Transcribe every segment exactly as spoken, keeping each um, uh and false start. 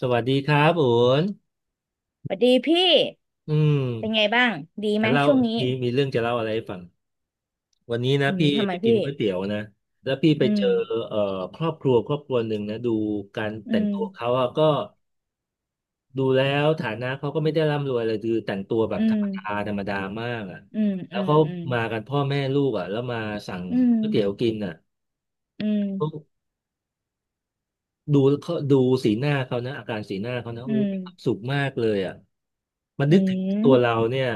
สวัสดีครับอุ๋นสวัสดีพี่อืมเป็นไงบ้าง ดีไหมจะเล่าช่วงนี้มีมีเรื่องจะเล่าอะไรให้ฟัง วันนี้อืนะมพี่ทำไมไปกิพี่ นก๋วยเตี๋ยวนะแล้วพี่ไปอืม เจอเอ่อครอบครัวครอบครัวหนึ่งนะดูการอืแต่งม ตัวเขาอะก็ดูแล้วฐานะเขาก็ไม่ได้ร่ำรวยเลยคือแต่งตัวแบอืบธรม รมดาธรรมดามากอะอืม แล้อืวม เขาอืม มากันพ่อแม่ลูกอะแล้วมาสั่งก๋วยเตี๋ยวกินอะ อืม ดูเขาดูสีหน้าเขานะอาการสีหน้าเขานะอือู้ม มีความสุขมากเลยอ่ะมันอืนึกถึงตัวเรามเนี่ย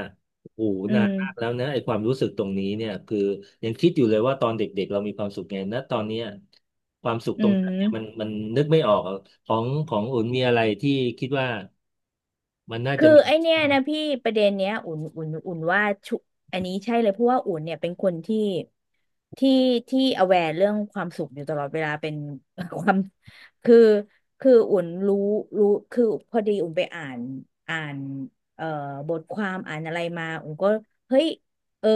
โอ้โหอืนามนมากแล้วนะไอ้ความรู้สึกตรงนี้เนี่ยคือยังคิดอยู่เลยว่าตอนเด็กๆเรามีความสุขไงนะตอนเนี้ยความสุขอืตรงมนั้อืนม เนี่ยมันมันนึกไม่ออกอะของของอุ่นมีอะไรที่คิดว่ามันน่าคืจะอมีไอเนี้ยนะพี่ประเด็นเนี้ยอุ่นอุ่นอุ่นว่าชุอันนี้ใช่เลยเพราะว่าอุ่นเนี่ยเป็นคนที่ที่ที่ aware เรื่องความสุขอยู่ตลอดเวลาเป็น ความคือคืออุ่นรู้รู้คือพอดีอุ่นไปอ่านอ่านเอ่อบทความอ่านอะไรมาอุ่นก็เฮ้ยเออ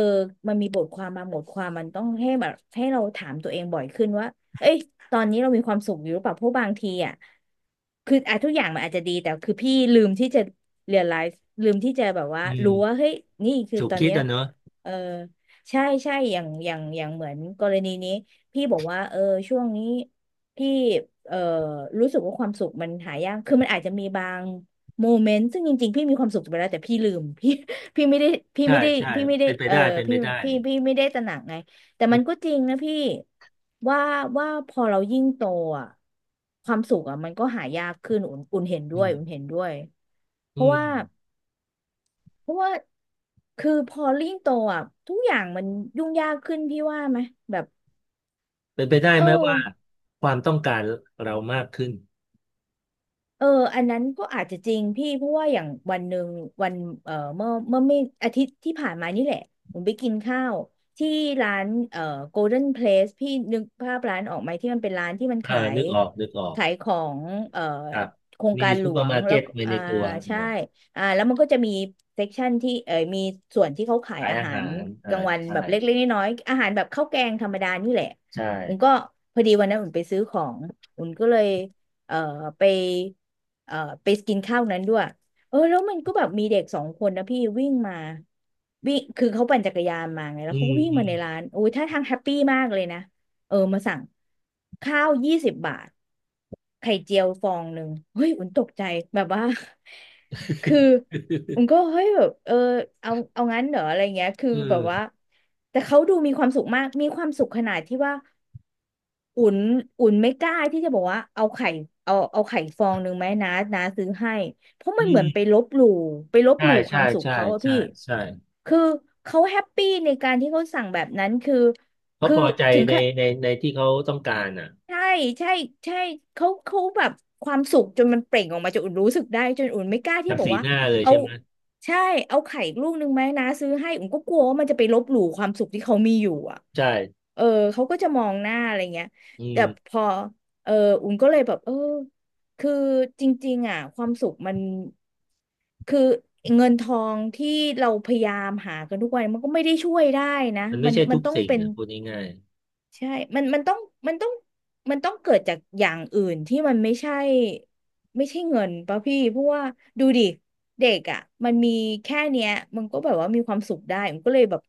มันมีบทความมาบทความมันต้องให้แบบให้เราถามตัวเองบ่อยขึ้นว่าเอ้ย ตอนนี้เรามีความสุขอยู่หรือเปล่าเพราะบางทีอ่ะคืออ่ะทุกอย่างมันอาจจะดีแต่คือพี่ลืมที่จะเรียลไลซ์ลืมที่จะแบบว่าอืรู้ว่ามเฮ้ยนี่คือถูกตอนคิดเนี้ยอ่ะเนอะเออใช่ใช่อย่างอย่างอย่างเหมือนกรณีนี้พี่บอกว่าเออช่วงนี้พี่เออรู้สึกว่าความสุขมันหายากคือมันอาจจะมีบางโมเมนต์ซึ่งจริงๆพี่มีความสุขไปแล้วแต่พี่ลืมพี่พี่ไม่ได้พี่ใช่ไม่ได้ใช่พี่ไม่ได้เป็นไปเออได้เป็นไปพี่ได้พี่พี่ไม่ได้ตระหนักไง แต่อืมันก็มจริงนะพี่ว่าว่าพอเรายิ่งโตอ่ะความสุขอ่ะมันก็หายากขึ้นอุ่นอุ่นเห็นด้อืวยมอุ่นเห็นด้วยเพอืราะมว่าเพราะว่าคือพอยิ่งโตอ่ะทุกอย่างมันยุ่งยากขึ้นพี่ว่าไหมแบบเป็นไปได้เออ ไหมว่าความต้องการเรามากขึ้น เอออันนั้นก็อาจจะจริงพี่เพราะว่าอย่างวันหนึ่งวันเอ่อเมื่อเมื่อไม่อาทิตย์ที่ผ่านมานี่แหละผมไปกินข้าวที่ร้านเอ่อ Golden Place พี่นึกภาพร้านออกไหมที่มันเป็นร้านที่มันเออขายนึกออกนึกออกขายของเอ่อครับโครงมีการหลซูเปอวร์งมาร์แล้เก็วตก็ไว้อ่าในตัวใช่นะอ่าแล้วมันก็จะมีเซกชันที่เอ่อมีส่วนที่เขาขายขายอาอาหารหารกอ่าลางวันใช่แบบเล็กๆน้อยๆอาหารแบบข้าวแกงธรรมดานี่แหละใช่อุ่นก็พอดีวันนั้นอุ่นไปซื้อของอุ่นก็เลย เอ่อไปเอ่อไปกินข้าวนั้นด้วยเออแล้วมันก็แบบมีเด็กสองคนนะพี่วิ่งมาวิ่งคือเขาปั่นจักรยานมาไงแล้อืวเขามก็วิ่งอืมาม ในร้านโอ้ยท่าทางแฮปปี้มากเลยนะเออมาสั่งข้าวยี่สิบบาทไข่เจียวฟองหนึ่งเฮ้ยอุ่นตกใจแบบว่า คืออุ่นก็ เฮ้ยแบบเออเอาเอางั้นเหรออะไรเงี้ยคือเอแบบอว่าแต่เขาดูมีความสุขมากมีความสุขขนาดที่ว่า อุ่นอุ่นไม่กล้าที่จะบอกว่าเอาไข่เอาเอาไข่ฟองหนึ่งไหมนะนะซื้อให้เพราะอืมันเหมือนมไปลบหลู่ไปลบใช่หลู่ควาใช่มสุขใช่เขาอะใช่พี่ใช่คือเขาแฮปปี้ในการที่เขาสั่งแบบนั้นคือเขาคือพอใจถึงในขะ ในในที่เขาต้องการอ่ะใช่ใช่ใช่เขาเขาแบบความสุขจนมันเปล่งออกมาจนอุ่นรู้สึกได้จนอุ่นไม่กล้าที่จากบอกสีว่าหน้าเลยเอาใช่ไหมใช่เอาไข่ลูกนึงไหมนะซื้อให้อุ่นก็กลัวว่ามันจะไปลบหลู่ความสุขที่เขามีอยู่อ่ะใช่เออเขาก็จะมองหน้าอะไรเงี้ยอืแต่มพอเอออุ่นก็เลยแบบเออคือจริงๆอ่ะความสุขมันคือเงินทองที่เราพยายามหากันทุกวันมันก็ไม่ได้ช่วยได้นะมันไม่มันใช่มันทุกต้องสิ่งเป็น อ่ะพูดง่ายใช่มันมันต้องมันต้องมันต้องเกิดจากอย่างอื่นที่มันไม่ใช่ไม่ใช่เงินป่ะพี่เพราะว่าดูดิเด็กอ่ะมันมีแค่เนี้ยมันก็แบบว่ามีความสุขได้มันก็เลยแบบ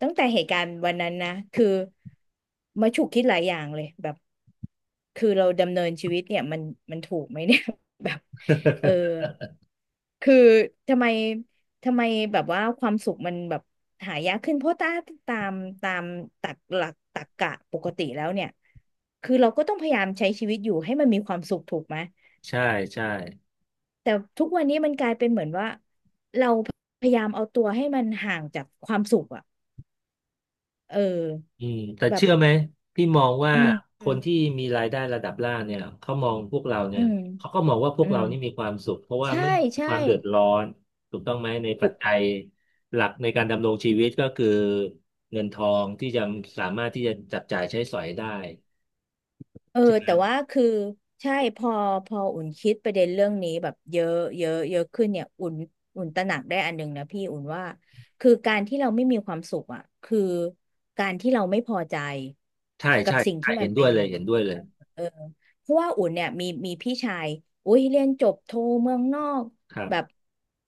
ตั้งแต่เหตุการณ์วันนั้นนะ คือมาฉุกคิดหลายอย่างเลยแบบคือเราดำเนินชีวิตเนี่ยมันมันถูกไหมเนี่ย แบบเออ คือทำไมทำไมแบบว่าความสุขมันแบบหายากขึ้นเพราะตาตามตามตักหลักตรรกะปกติแล้วเนี่ยคือเราก็ต้องพยายามใช้ชีวิตอยู่ให้มันมีความสุขถูกไหมๆใช่ใช่ แต่ทุกวันนี้มันกลายเป็นเหมือนว่าเราพยายามเอาตัวให้มันห่างจากความสุขอ่ะเอออืมแต่แบบเชื่อไหมพี่มองว่าอืมคอืมนที่มีรายได้ระดับล่างเนี่ยเขามองพวกเราเนี่ยเขาก็มองว่าพวอืกเรามนี่มีความสุขเพราะว่าใช่ไม่มีใช่ ความเดือดร้อนถูกต้องไหมในปัจจัยหลักในการดำรงชีวิตก็คือเงินทองที่จะสามารถที่จะจับจ่ายใช้สอยได้เออใช่ไหมแต่ว่าคือใช่พอพออุ่นคิดประเด็นเรื่องนี้แบบเยอะเยอะเยอะขึ้นเนี่ยอุ่นอุ่นตระหนักได้อันหนึ่งนะพี่อุ่นว่าคือการที่เราไม่มีความสุขอ่ะคือการที่เราไม่พอใจใช่กับใช่สิ่งใช่ที่มัเห็นนด้เป็วนยเลอยยู่ เห็นด้วยเลยเออเพราะว่าอุ่นเนี่ยมีมีพี่ชายอุ้ยเรียนจบโทเมืองนอกครัแบบบ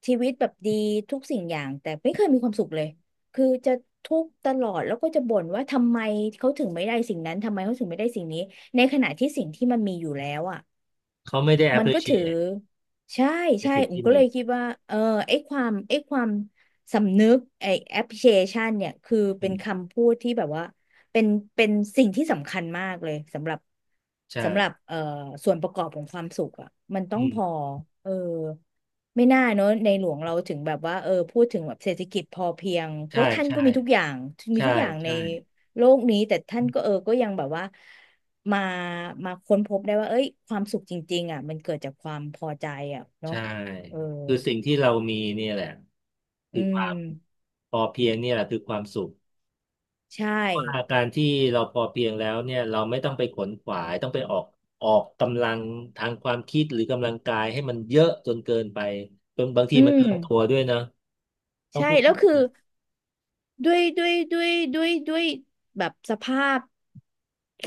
ชีวิตแบบดีทุกสิ่งอย่างแต่ไม่เคยมีความสุขเลยคือจะทุกข์ตลอดแล้วก็จะบ่นว่าทำไมเขาถึงไม่ได้สิ่งนั้นทำไมเขาถึงไม่ได้สิ่งนี้ในขณะที่สิ่งที่มันมีอยู่แล้วอ่ะ เขาไม่ได้ มันก็ถือ appreciate ใช่ในใช่สิ่งผมที่ก็มีเลยคิดว่าเออไอ้ความไอ้ความสำนึกไอ้ appreciation เนี่ยคืออืเป็นมคำพูดที่แบบว่าเป็นเป็นสิ่งที่สำคัญมากเลยสำหรับใช่สำหรับเอ่อส่วนประกอบของความสุขอ่ะมันต้ออืงมพอเออไม่น่าเนอะในหลวงเราถึงแบบว่าเออพูดถึงแบบเศรษฐกิจพอเพียงเพใช่ราะท่านใช่ก็มีทุกอย่างมีใช่ทุกอย่างในใช่ โลกนี้แต่ท่านก็เออก็ยังแบบว่า มามาค้นพบได้ว่าเอ้ยความสุขจริงๆอ่ะมันเกิดจากความพอใจอ่ะเนาะใช่เออคือสิ่งที่เรามีเนี่ยแหละอืคือความมพอเพียงเนี่ยแหละคือความสุขใช่เพราะว่าการที่เราพอเพียงแล้วเนี่ยเราไม่ต้องไปขนขวายต้องไปออกออกกำลังทางความคิดหรือกำลังกายให้มันเยอะจนเกินไปจนบางทีอืมันเกิมนตัวด้วยนะต้องใช่พูดแล้วคือ นะด้วยด้วยด้วยด้วยด้วยแบบสภาพ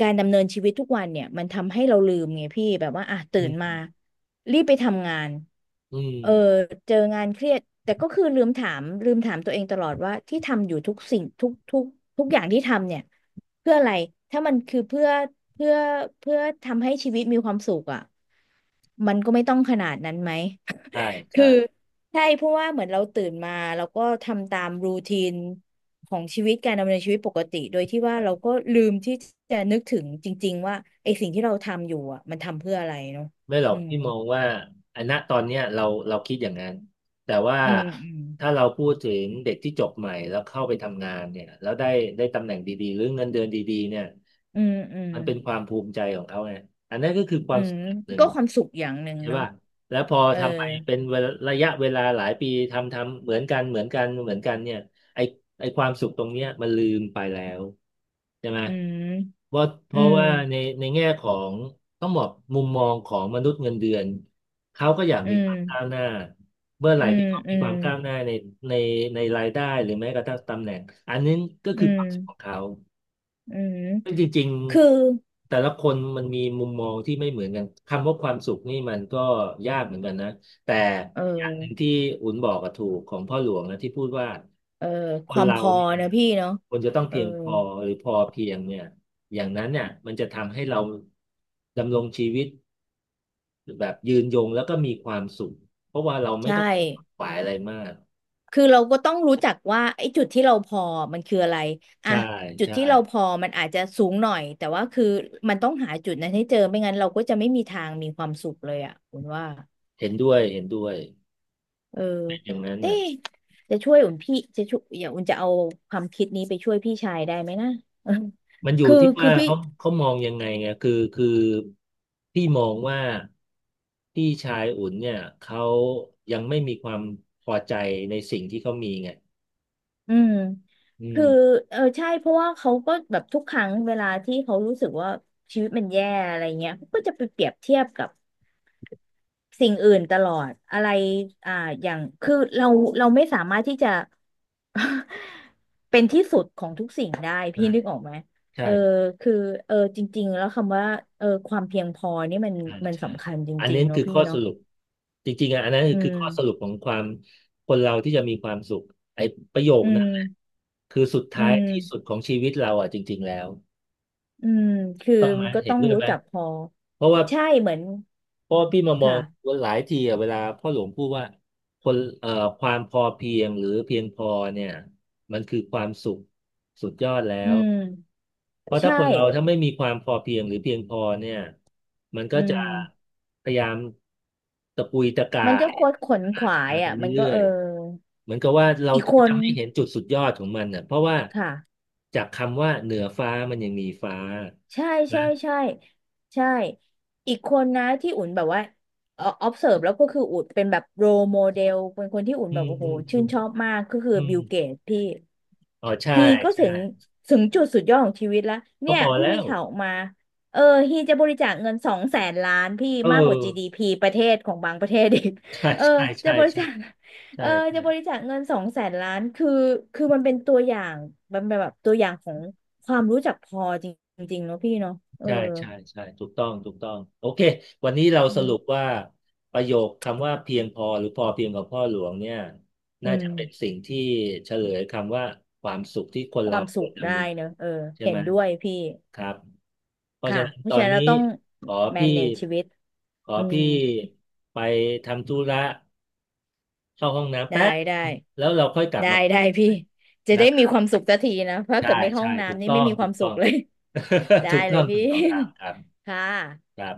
การดำเนินชีวิตทุกวันเนี่ยมันทำให้เราลืมไงพี่แบบว่าอ่ะตื่อืนมามรีบไปทำงานอืมเออเจองานเครียดแต่ก็คือลืมถามลืมถามตัวเองตลอดว่าที่ทำอยู่ทุกสิ่งทุกทุกทุกอย่างที่ทำเนี่ยเพื่ออะไรถ้ามันคือเพื่อเพื่อเพื่อทำให้ชีวิตมีความสุขอ่ะมันก็ไม่ต้องขนาดนั้นไหม ใช่คืใช่ อใช่เพราะว่าเหมือนเราตื่นมาเราก็ทำตามรูทีนของชีวิตการดำเนินชีวิตปกติโดยที่ว่าเราก็ลืมที่จะนึกถึงจริงๆว่าไอ้สิ่งที่เราทำอยู่อ่ะมันทำเพื่ออะไรเนาะไม่หรอือกมพี่มองว่าอันณตอนเนี้ยเราเราคิดอย่างนั้นแต่ว่าอืมอืมถ้าเราพูดถึงเด็กที่จบใหม่แล้วเข้าไปทำงานเนี่ยแล้วได้ได้ตำแหน่งดีๆหรือเงินเดือนดีๆเนี่ยอืมอืมมันเป็นความภูมิใจของเขาไงอันนั้นก็คือคอืวามมสำเร็จหนึ่ก็งความสุขอย่างหนึ่งใช่เนาะป่ะแล้วพอเออทำไปเป็นเวลาระยะเวลาหลายปีทำทำเหมือนกันเหมือนกันเหมือนกันเนี่ยไอ้ ไอ้ความสุขตรงเนี้ยมันลืมไปแล้วใช่ไหมอืมว่าเพอืราะมว่าในในแง่ของต้องบอกมุมมองของมนุษย์เงินเดือนเขาก็อยากอืมีมความก้าวหน้าเมื่อไหอืร่มที่เขาอืมีคมวามก้าวหน้าในในในรายได้หรือแม้กระทั่งตำแหน่งอันนี้ก็อืคือความมสุขของเขา อืมซึ่งจริงคือๆแต่ละคนมันมีมุมมองที่ไม่เหมือนกันคำว่าความสุขนี่มันก็ยากเหมือนกันนะแต่เออย่างหนึ่งอที่อุ่นบอกกับถูกของพ่อหลวงนะที่พูดว่าเออคคนวามเราพอเนี่ยนะพี่เนาะคนจะต้องเออเพียงพอหรือพอเพียงเนี่ยอย่างนั้นเนี่ยมันจะทำให้เราดำรงชีวิตแบบยืนยงแล้วก็มีความสุขเพราะว่าเราไม่ใช่ ต้องไปขวนขวายอะไรมากคือเราก็ต้องรู้จักว่าไอ้จุดที่เราพอมันคืออะไรอ่ะใช่จุดใช่ที่เราพอมันอาจจะสูงหน่อยแต่ว่าคือมันต้องหาจุดนั้นให้เจอไม่งั้นเราก็จะไม่มีทางมีความสุขเลยอ่ะอุ่นว่าเห็นด้วยเห็นด้วยเออเป็นอย่างนั้นเต้น่ะ จะช่วยอุ่นพี่จะช่วยอย่าอุ่นจะเอาความคิดนี้ไปช่วยพี่ชายได้ไหมนะเออ มันอ ยู่คือที่คืว่าอพี่เขาเขามองยังไงไงคือคือพี่มองว่าพี่ชายอุ่นเนี่ยเขายังไม่มีความพอใจในสิ่งที่เขามีไงอืมอืคือมเออใช่เพราะว่าเขาก็แบบทุกครั้งเวลาที่เขารู้สึกว่าชีวิตมันแย่อะไรเงี้ยเขาก็จะไปเปรียบเทียบกับ สิ่งอื่นตลอดอะไรอ่าอย่างคือเราเราไม่สามารถที่จะ เป็นที่สุดของทุกสิ่งได้ใช่พี่นึกออกไหมเอใช่อคือเออจริงๆแล้วคำว่าเออความเพียงพอนี่มันอ่ามันใช่สำคัญจอันรินี้งๆเนาะคือพี่ข้อสเนาะรุปจริงๆอ่ะอันนั้นอืคือมข้อสรุปของความคนเราที่จะมีความสุขไอ้ประโยคอืนั้มนแหละคือสุดอืท้ายมที่สุดของชีวิตเราอ่ะจริงๆแล้วอืมคือต้องไหมมันก็เห็ต้นองด้วยรู้ไหมจักพอเพราะว่า ใช่เหมือนเพราะว่าพี่มามอค่ะงว่าหลายทีอะเวลาพ่อหลวงพูดว่าคนเอ่อความพอเพียงหรือเพียงพอเนี่ยมันคือความสุขสุดยอดแล้อืวมเพราะถ้าใช่คนเราถ้าไม่มีความพอเพียงหรือเพียงพอเนี่ยมันก็อืจะมพยายามตะปุยตะกามันก็ยคดขวนขหาวาทายงไปอ่ะมันก็เรื่อเออยๆเหมือนกับว่าเราอีกคนจะไม่เห็นจุดสุดยอดของมันอ่ะเพราะว่าค่ะ จากคำว่าเหนือฟ้ามันยังมีฟ้าใช่นะใช่ใช่ใช่ อีกคนนะที่อุ่นแบบว่าเอ่อ observe แล้วก็คืออุ่นเป็นแบบ role model เป็นคนที่อุ่นอืแบบมโอ้โหอืมชื่อืนมชอบมากก็คืออืมบิลเกตพี่อ๋อใช่ฮีก็ใช่ ถึงถึงจุดสุดยอดของชีวิตแล้วก็เนี่ยพอเพิ่งแล้มีวข่าวออกมาเออฮีจะบริจาคเงินสองแสนล้านพี่เออมากกว่า จี ดี พี ประเทศของบางประเทศอีกใช่เออใช่จะใช่บริใช่จาค เอใช่อจะบริใช่จาคเงินสองแสนล้านคือคือมันเป็นตัวอย่างมันเป็นแบบตัวอย่างของความรู้จักพอจริงๆเนาะพี่เนาะเออใช่ใช่ใช่ถูกต้องถูกต้องโอเควันนี้เราอืสรุปมว่าประโยคคำว่าเพียงพอหรือพอเพียงของพ่อหลวงเนี่ยอืน่ามจะเป็นสิ่งที่เฉลยคำว่าความสุขที่คนคเราวามคสุวขรจะได้มีเนอะเออใช่เห็ไหมนด้วยพี่ครับเพราะค่ะฉะนั้นเพตราะอฉะนนั้นเรานี้ต้อง ขอพี่ manage ชีวิตขออืมพี่ไปทำธุระเข้าห้องน้ำแป๊ได้บได้แล้วเราค่อยกลับได้มาคุได้ยกันพี่ใหม่จะนะได้คมีรัคบ วามสุขสักทีนะเพราะใช่เกิดไม่เข้าใช่ห้องถูกน้ำนี่ต้อไม่งมีคถูวามกสุต้อขง เลย ได้ ถูกเลต้อยงพี่ ถูกต้องครับครับ ค่ะครับ